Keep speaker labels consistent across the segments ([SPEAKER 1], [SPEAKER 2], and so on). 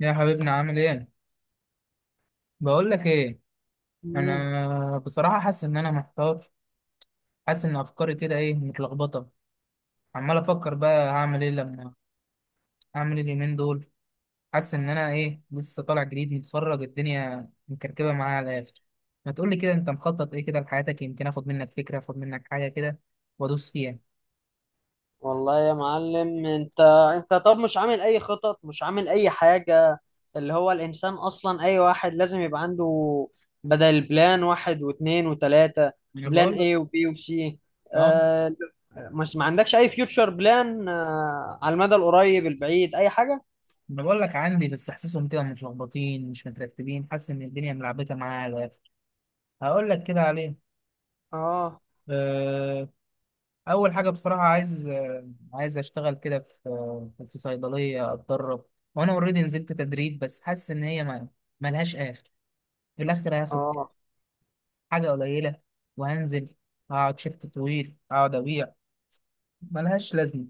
[SPEAKER 1] يا حبيبنا عامل ايه؟ بقول لك ايه.
[SPEAKER 2] مم.
[SPEAKER 1] انا بصراحة حاسس ان انا محتار. حاسس ان افكاري كده ايه متلخبطة. عمال افكر بقى هعمل ايه لما هعمل ايه اليومين دول. حاسس ان انا ايه لسه طالع جديد متخرج، الدنيا مكركبة معايا على الاخر. ما تقولي كده انت مخطط ايه كده لحياتك، يمكن اخد منك فكرة اخد منك حاجة كده وادوس فيها.
[SPEAKER 2] والله يا معلم انت، طب مش عامل اي خطط، مش عامل اي حاجة؟ اللي هو الانسان اصلا، اي واحد لازم يبقى عنده بدل، بلان واحد واثنين وثلاثة،
[SPEAKER 1] انا
[SPEAKER 2] بلان
[SPEAKER 1] بقول لك.
[SPEAKER 2] ايه وبي وسي.
[SPEAKER 1] اه.
[SPEAKER 2] آه. مش ما عندكش اي فيوتشر بلان؟ آه، على المدى القريب البعيد، اي حاجة.
[SPEAKER 1] انا بقول لك عندي بس حاسسهم كده متلخبطين مش مترتبين، حاسس ان الدنيا ملعبكة معايا على الاخر. هقول لك كده عليه.
[SPEAKER 2] اه.
[SPEAKER 1] آه، اول حاجه بصراحه عايز عايز اشتغل كده في في صيدليه اتدرب. وانا اوريدي نزلت تدريب بس حاسس ان هي ما ملهاش اخر. في الاخر هاخد
[SPEAKER 2] اه،
[SPEAKER 1] حاجه قليله وهنزل، هقعد شيفت طويل اقعد ابيع، ملهاش لازمه.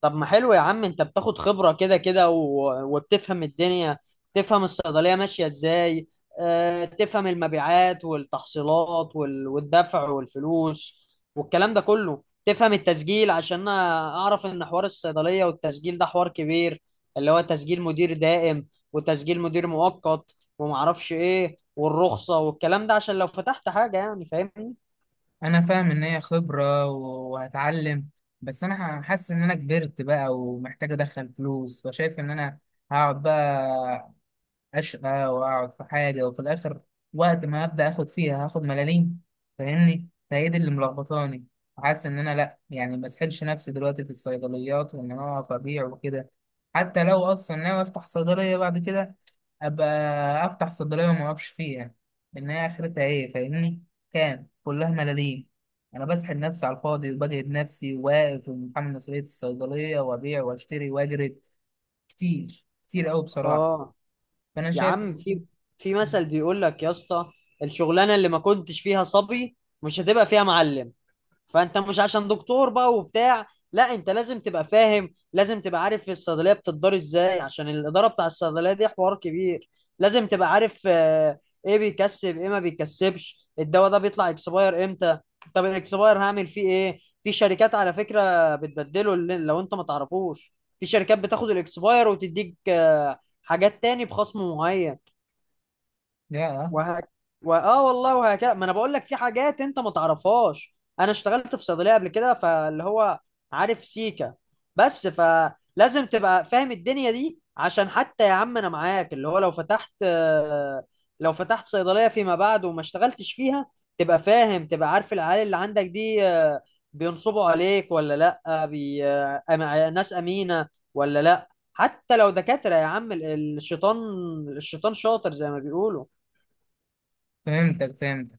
[SPEAKER 2] طب ما حلو يا عم، انت بتاخد خبرة كده كده وبتفهم الدنيا، تفهم الصيدلية ماشية ازاي. اه، تفهم المبيعات والتحصيلات والدفع والفلوس والكلام ده كله، تفهم التسجيل. عشان انا اعرف ان حوار الصيدلية والتسجيل ده حوار كبير، اللي هو تسجيل مدير دائم وتسجيل مدير مؤقت ومعرفش ايه، والرخصة والكلام ده، عشان لو فتحت حاجة يعني، فاهمني؟
[SPEAKER 1] انا فاهم ان هي خبره وهتعلم، بس انا حاسس ان انا كبرت بقى ومحتاج ادخل فلوس، فشايف ان انا هقعد بقى أشقى وأقعد في حاجة وفي الآخر وقت ما أبدأ آخد فيها هاخد ملاليم، فاهمني. فهي دي اللي ملخبطاني. حاسس إن أنا لأ يعني مسحلش نفسي دلوقتي في الصيدليات وإن أنا أقف أبيع وكده. حتى لو أصلا ناوي أفتح صيدلية بعد كده أبقى أفتح صيدلية وما أقفش فيها، لأن هي آخرتها إيه؟ فاهمني. كام؟ كلها ملاليم. أنا بسحل نفسي على الفاضي وبجهد نفسي واقف ومتحمل مسؤولية الصيدلية وأبيع وأشتري وأجرد كتير كتير أوي بصراحة.
[SPEAKER 2] اه.
[SPEAKER 1] فأنا
[SPEAKER 2] يا
[SPEAKER 1] شايف.
[SPEAKER 2] عم، في في مثل بيقول لك يا اسطى: الشغلانه اللي ما كنتش فيها صبي، مش هتبقى فيها معلم. فانت مش عشان دكتور بقى وبتاع، لا، انت لازم تبقى فاهم، لازم تبقى عارف الصيدليه بتدار ازاي، عشان الاداره بتاع الصيدليه دي حوار كبير. لازم تبقى عارف آه، ايه بيكسب ايه ما بيكسبش، الدواء ده بيطلع اكسباير امتى، طب الاكسباير هعمل فيه ايه. في شركات على فكره بتبدله، لو انت ما تعرفوش، في شركات بتاخد الاكسباير وتديك آه، حاجات تاني بخصم معين.
[SPEAKER 1] يا
[SPEAKER 2] وهك... اه والله، وهكذا. ما انا بقول لك في حاجات انت ما تعرفهاش. انا اشتغلت في صيدليه قبل كده، فاللي هو عارف سيكا. بس فلازم تبقى فاهم الدنيا دي، عشان حتى يا عم انا معاك، اللي هو لو فتحت آه، لو فتحت صيدليه فيما بعد وما اشتغلتش فيها، تبقى فاهم، تبقى عارف العيال اللي عندك دي آه، بينصبوا عليك ولا لا، ناس امينه ولا لا. حتى لو دكاتره يا عم، الشيطان، الشيطان شاطر زي ما بيقولوا.
[SPEAKER 1] فهمتك فهمتك.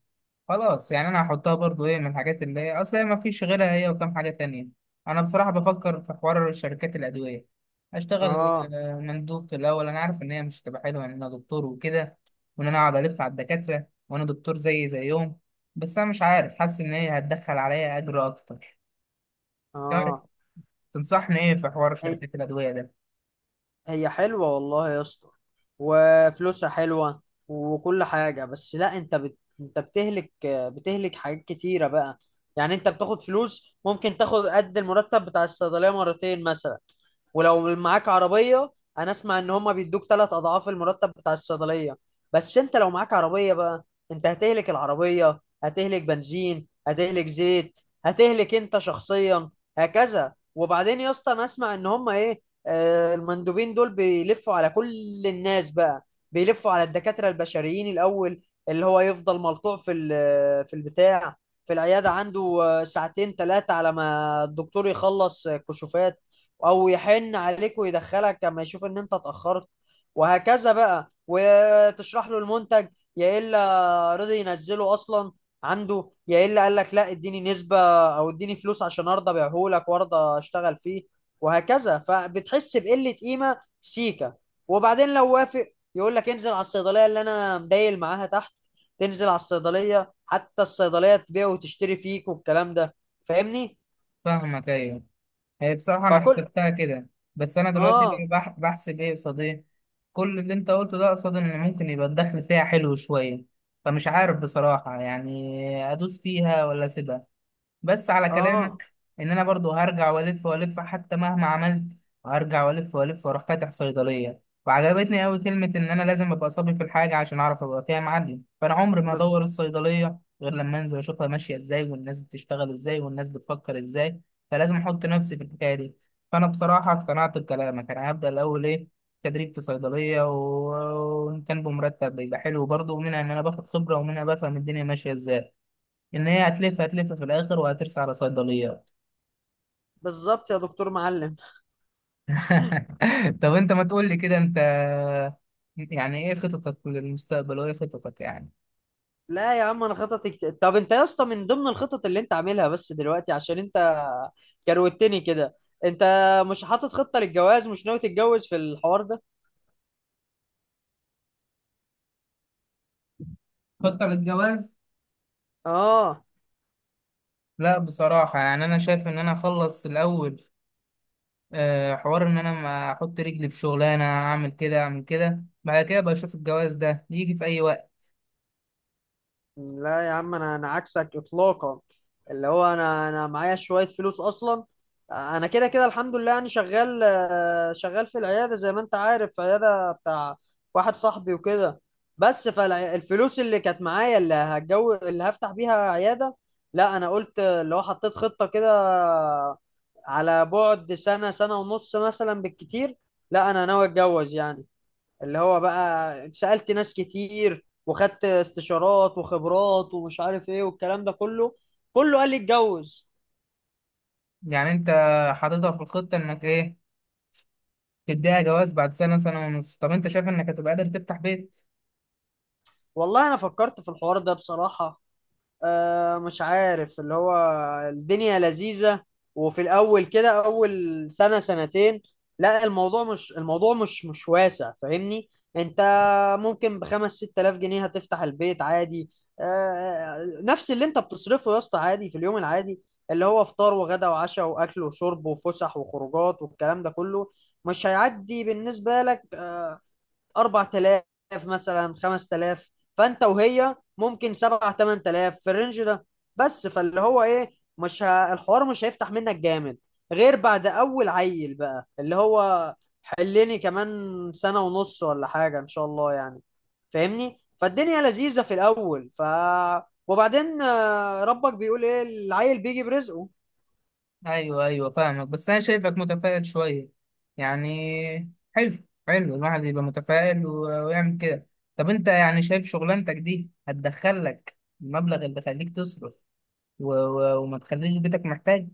[SPEAKER 1] خلاص يعني انا هحطها برضو ايه من الحاجات، اللي هي اصل هي ما فيش غيرها، هي وكم حاجة تانية. انا بصراحة بفكر في حوار شركات الادوية، اشتغل
[SPEAKER 2] اه.
[SPEAKER 1] مندوب في الاول. انا عارف ان هي مش هتبقى حلوة ان انا دكتور وكده، وان انا اقعد الف على الدكاترة وانا دكتور زي زيهم، بس انا مش عارف، حاسس ان هي هتدخل عليا اجر اكتر. تعرف،
[SPEAKER 2] اه.
[SPEAKER 1] تنصحني ايه في حوار
[SPEAKER 2] هي
[SPEAKER 1] شركات الادوية ده؟
[SPEAKER 2] هي حلوة والله يا اسطى، وفلوسها حلوة، وكل حاجة. بس لا، انت بتهلك حاجات كتيرة بقى. يعني انت بتاخد فلوس، ممكن تاخد قد المرتب بتاع الصيدلية مرتين مثلا، ولو معاك عربية، انا اسمع ان هما بيدوك ثلاث اضعاف المرتب بتاع الصيدلية. بس انت لو معاك عربية بقى، انت هتهلك العربية، هتهلك بنزين، هتهلك زيت، هتهلك انت شخصيا، هكذا. وبعدين يا اسطى انا اسمع ان هما ايه، آه، المندوبين دول بيلفوا على كل الناس بقى، بيلفوا على الدكاترة البشريين الاول، اللي هو يفضل ملطوع في البتاع، في العيادة عنده آه، ساعتين ثلاثة، على ما الدكتور يخلص آه، كشوفات، او يحن عليك ويدخلك لما يشوف ان انت اتاخرت، وهكذا بقى. وتشرح له المنتج، يا الا رضي ينزله اصلا عنده، يا الا قال لك لا اديني نسبه او اديني فلوس عشان ارضى ابيعه لك وارضى اشتغل فيه، وهكذا، فبتحس بقله قيمه سيكا. وبعدين لو وافق، يقول لك انزل على الصيدليه اللي انا مدايل معاها تحت. تنزل على الصيدليه، حتى الصيدليه تبيع وتشتري فيك والكلام ده، فاهمني؟
[SPEAKER 1] فاهمك، ايوه. هي بصراحة أنا
[SPEAKER 2] فكل
[SPEAKER 1] حسبتها كده، بس أنا دلوقتي
[SPEAKER 2] اه.
[SPEAKER 1] بقى بحسب إيه قصاد إيه. كل اللي أنت قلته ده قصاد إن ممكن يبقى الدخل فيها حلو شوية. فمش عارف بصراحة يعني، أدوس فيها ولا أسيبها. بس على
[SPEAKER 2] اه.
[SPEAKER 1] كلامك ان انا برضو هرجع والف والف حتى مهما عملت، هرجع والف والف واروح فاتح صيدليه. وعجبتني قوي كلمه ان انا لازم ابقى صبي في الحاجه عشان اعرف ابقى فيها معلم، فانا عمري ما
[SPEAKER 2] بس.
[SPEAKER 1] ادور الصيدليه غير لما انزل اشوفها ماشيه ازاي والناس بتشتغل ازاي والناس بتفكر ازاي. فلازم احط نفسي في الحكايه دي. فانا بصراحه اقتنعت بكلامك، انا هبدا الاول ايه تدريب في صيدليه، وان كان بمرتب بيبقى حلو برضه، ومنها ان انا باخد خبره ومنها بفهم الدنيا ماشيه ازاي، ان هي هتلف هتلف في الاخر وهترسى على صيدليات.
[SPEAKER 2] بالظبط يا دكتور معلم.
[SPEAKER 1] طب انت ما تقول لي كده، انت يعني ايه خططك للمستقبل وايه خططك يعني؟
[SPEAKER 2] لا يا عم، طب انت يا اسطى، من ضمن الخطط اللي انت عاملها بس دلوقتي، عشان انت كروتني كده، انت مش حاطط خطة للجواز؟ مش ناوي تتجوز في الحوار ده؟
[SPEAKER 1] خطة للجواز؟
[SPEAKER 2] اه.
[SPEAKER 1] لا بصراحة يعني انا شايف ان انا اخلص الاول حوار ان انا ما احط رجلي في شغلانة، اعمل كده اعمل كده، بعد كده بشوف الجواز ده يجي في اي وقت.
[SPEAKER 2] لا يا عم، انا عكسك اطلاقا. اللي هو انا معايا شويه فلوس اصلا، انا كده كده الحمد لله يعني، شغال آه، شغال في العياده زي ما انت عارف، في عياده بتاع واحد صاحبي وكده. بس فالفلوس اللي كانت معايا، اللي هتجو، اللي هفتح بيها عياده، لا انا قلت اللي هو حطيت خطه كده على بعد سنه، سنه ونص مثلا بالكتير، لا انا ناوي اتجوز يعني. اللي هو بقى سألت ناس كتير وخدت استشارات وخبرات ومش عارف ايه والكلام ده كله، كله قال لي اتجوز.
[SPEAKER 1] يعني انت حاططها في الخطة انك ايه تديها جواز بعد سنة سنة ونص؟ طب انت شايف انك هتبقى قادر تفتح بيت؟
[SPEAKER 2] والله انا فكرت في الحوار ده بصراحة، آه، مش عارف، اللي هو الدنيا لذيذة، وفي الأول كده، أول سنة سنتين، لا الموضوع مش، الموضوع مش واسع، فاهمني؟ أنت ممكن بخمس ست آلاف جنيه هتفتح البيت عادي. آه، نفس اللي أنت بتصرفه يا اسطى عادي في اليوم العادي، اللي هو فطار وغدا وعشاء وأكل وشرب وفسح وخروجات والكلام ده كله، مش هيعدي بالنسبة لك آه، 4000، مثلا 5000. فانت وهي ممكن 7 8000 في الرينج ده. بس فاللي هو ايه، مش ه... الحوار مش هيفتح منك جامد غير بعد اول عيل بقى، اللي هو حلني كمان سنة ونص ولا حاجة ان شاء الله يعني، فاهمني؟ فالدنيا لذيذة في الاول، ف وبعدين آه، ربك بيقول ايه، العيل بيجي برزقه.
[SPEAKER 1] ايوه ايوه فاهمك، بس انا شايفك متفائل شويه. يعني حلو، حلو الواحد يبقى متفائل ويعمل كده. طب انت يعني شايف شغلانتك دي هتدخلك المبلغ اللي يخليك تصرف و... و... وما تخليش بيتك محتاج؟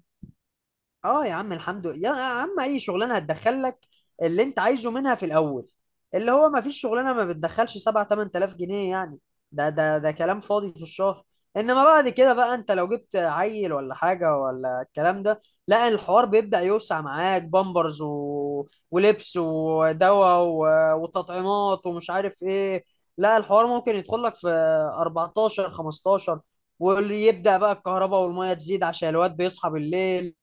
[SPEAKER 2] اه، يا عم الحمد لله، يا عم اي شغلانه هتدخلك اللي انت عايزه منها في الاول. اللي هو ما فيش شغلانه ما بتدخلش 7 8000 جنيه يعني. ده كلام فاضي في الشهر. انما بعد كده بقى، انت لو جبت عيل ولا حاجه ولا الكلام ده، لا الحوار بيبدا يوسع معاك، بامبرز ولبس ودواء وتطعيمات ومش عارف ايه. لا الحوار ممكن يدخل لك في 14 15. واللي يبدا بقى الكهرباء والميه تزيد عشان الواد بيصحى بالليل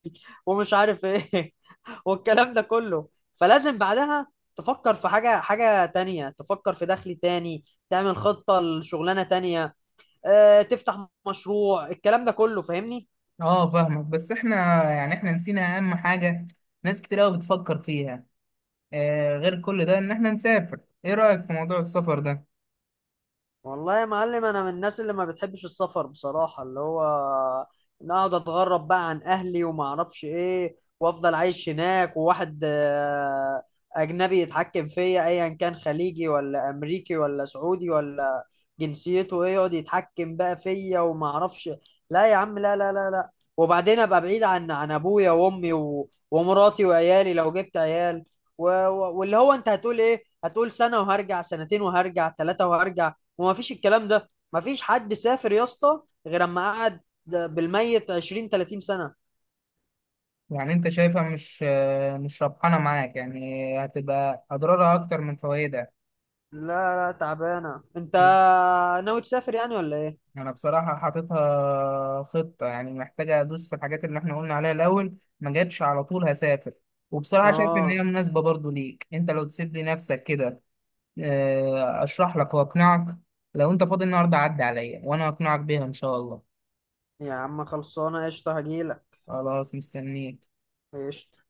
[SPEAKER 2] ومش عارف ايه والكلام ده كله. فلازم بعدها تفكر في حاجة، حاجة تانية، تفكر في دخل تاني، تعمل خطة لشغلانة تانية آه، تفتح مشروع، الكلام ده كله، فاهمني؟
[SPEAKER 1] اه فاهمك، بس احنا يعني احنا نسينا اهم حاجه ناس كتير قوي بتفكر فيها غير كل ده، ان احنا نسافر. ايه رايك في موضوع السفر ده؟
[SPEAKER 2] والله يا معلم، انا من الناس اللي ما بتحبش السفر بصراحة، اللي هو إن اقعد اتغرب بقى عن اهلي وما اعرفش ايه، وافضل عايش هناك، وواحد آه، اجنبي يتحكم فيا، ايا كان خليجي ولا امريكي ولا سعودي ولا جنسيته ايه، يقعد يتحكم بقى فيا وما اعرفش. لا يا عم، لا لا لا لا. وبعدين ابقى بعيد عن ابويا وامي ومراتي وعيالي لو جبت عيال، واللي هو انت هتقول ايه، هتقول سنة وهرجع، سنتين وهرجع، ثلاثة وهرجع. وما فيش الكلام ده. ما فيش حد سافر يا اسطى غير اما قعد بالميت 20 30 سنة.
[SPEAKER 1] يعني انت شايفها مش مش ربحانه معاك يعني، هتبقى اضرارها اكتر من فوائدها؟
[SPEAKER 2] لا لا، تعبانة. انت ناوي تسافر يعني ولا ايه؟
[SPEAKER 1] انا بصراحة حاططها خطة، يعني محتاجة ادوس في الحاجات اللي احنا قلنا عليها الاول، ما جاتش على طول هسافر. وبصراحة شايف ان
[SPEAKER 2] اه،
[SPEAKER 1] هي مناسبة برضو ليك انت، لو تسيب لي نفسك كده اشرح لك واقنعك. لو انت فاضي النهاردة عدي عليا وانا اقنعك بيها ان شاء الله.
[SPEAKER 2] يا عم خلصانة قشطة، هجيلك
[SPEAKER 1] خلاص مستنيك.
[SPEAKER 2] قشطة.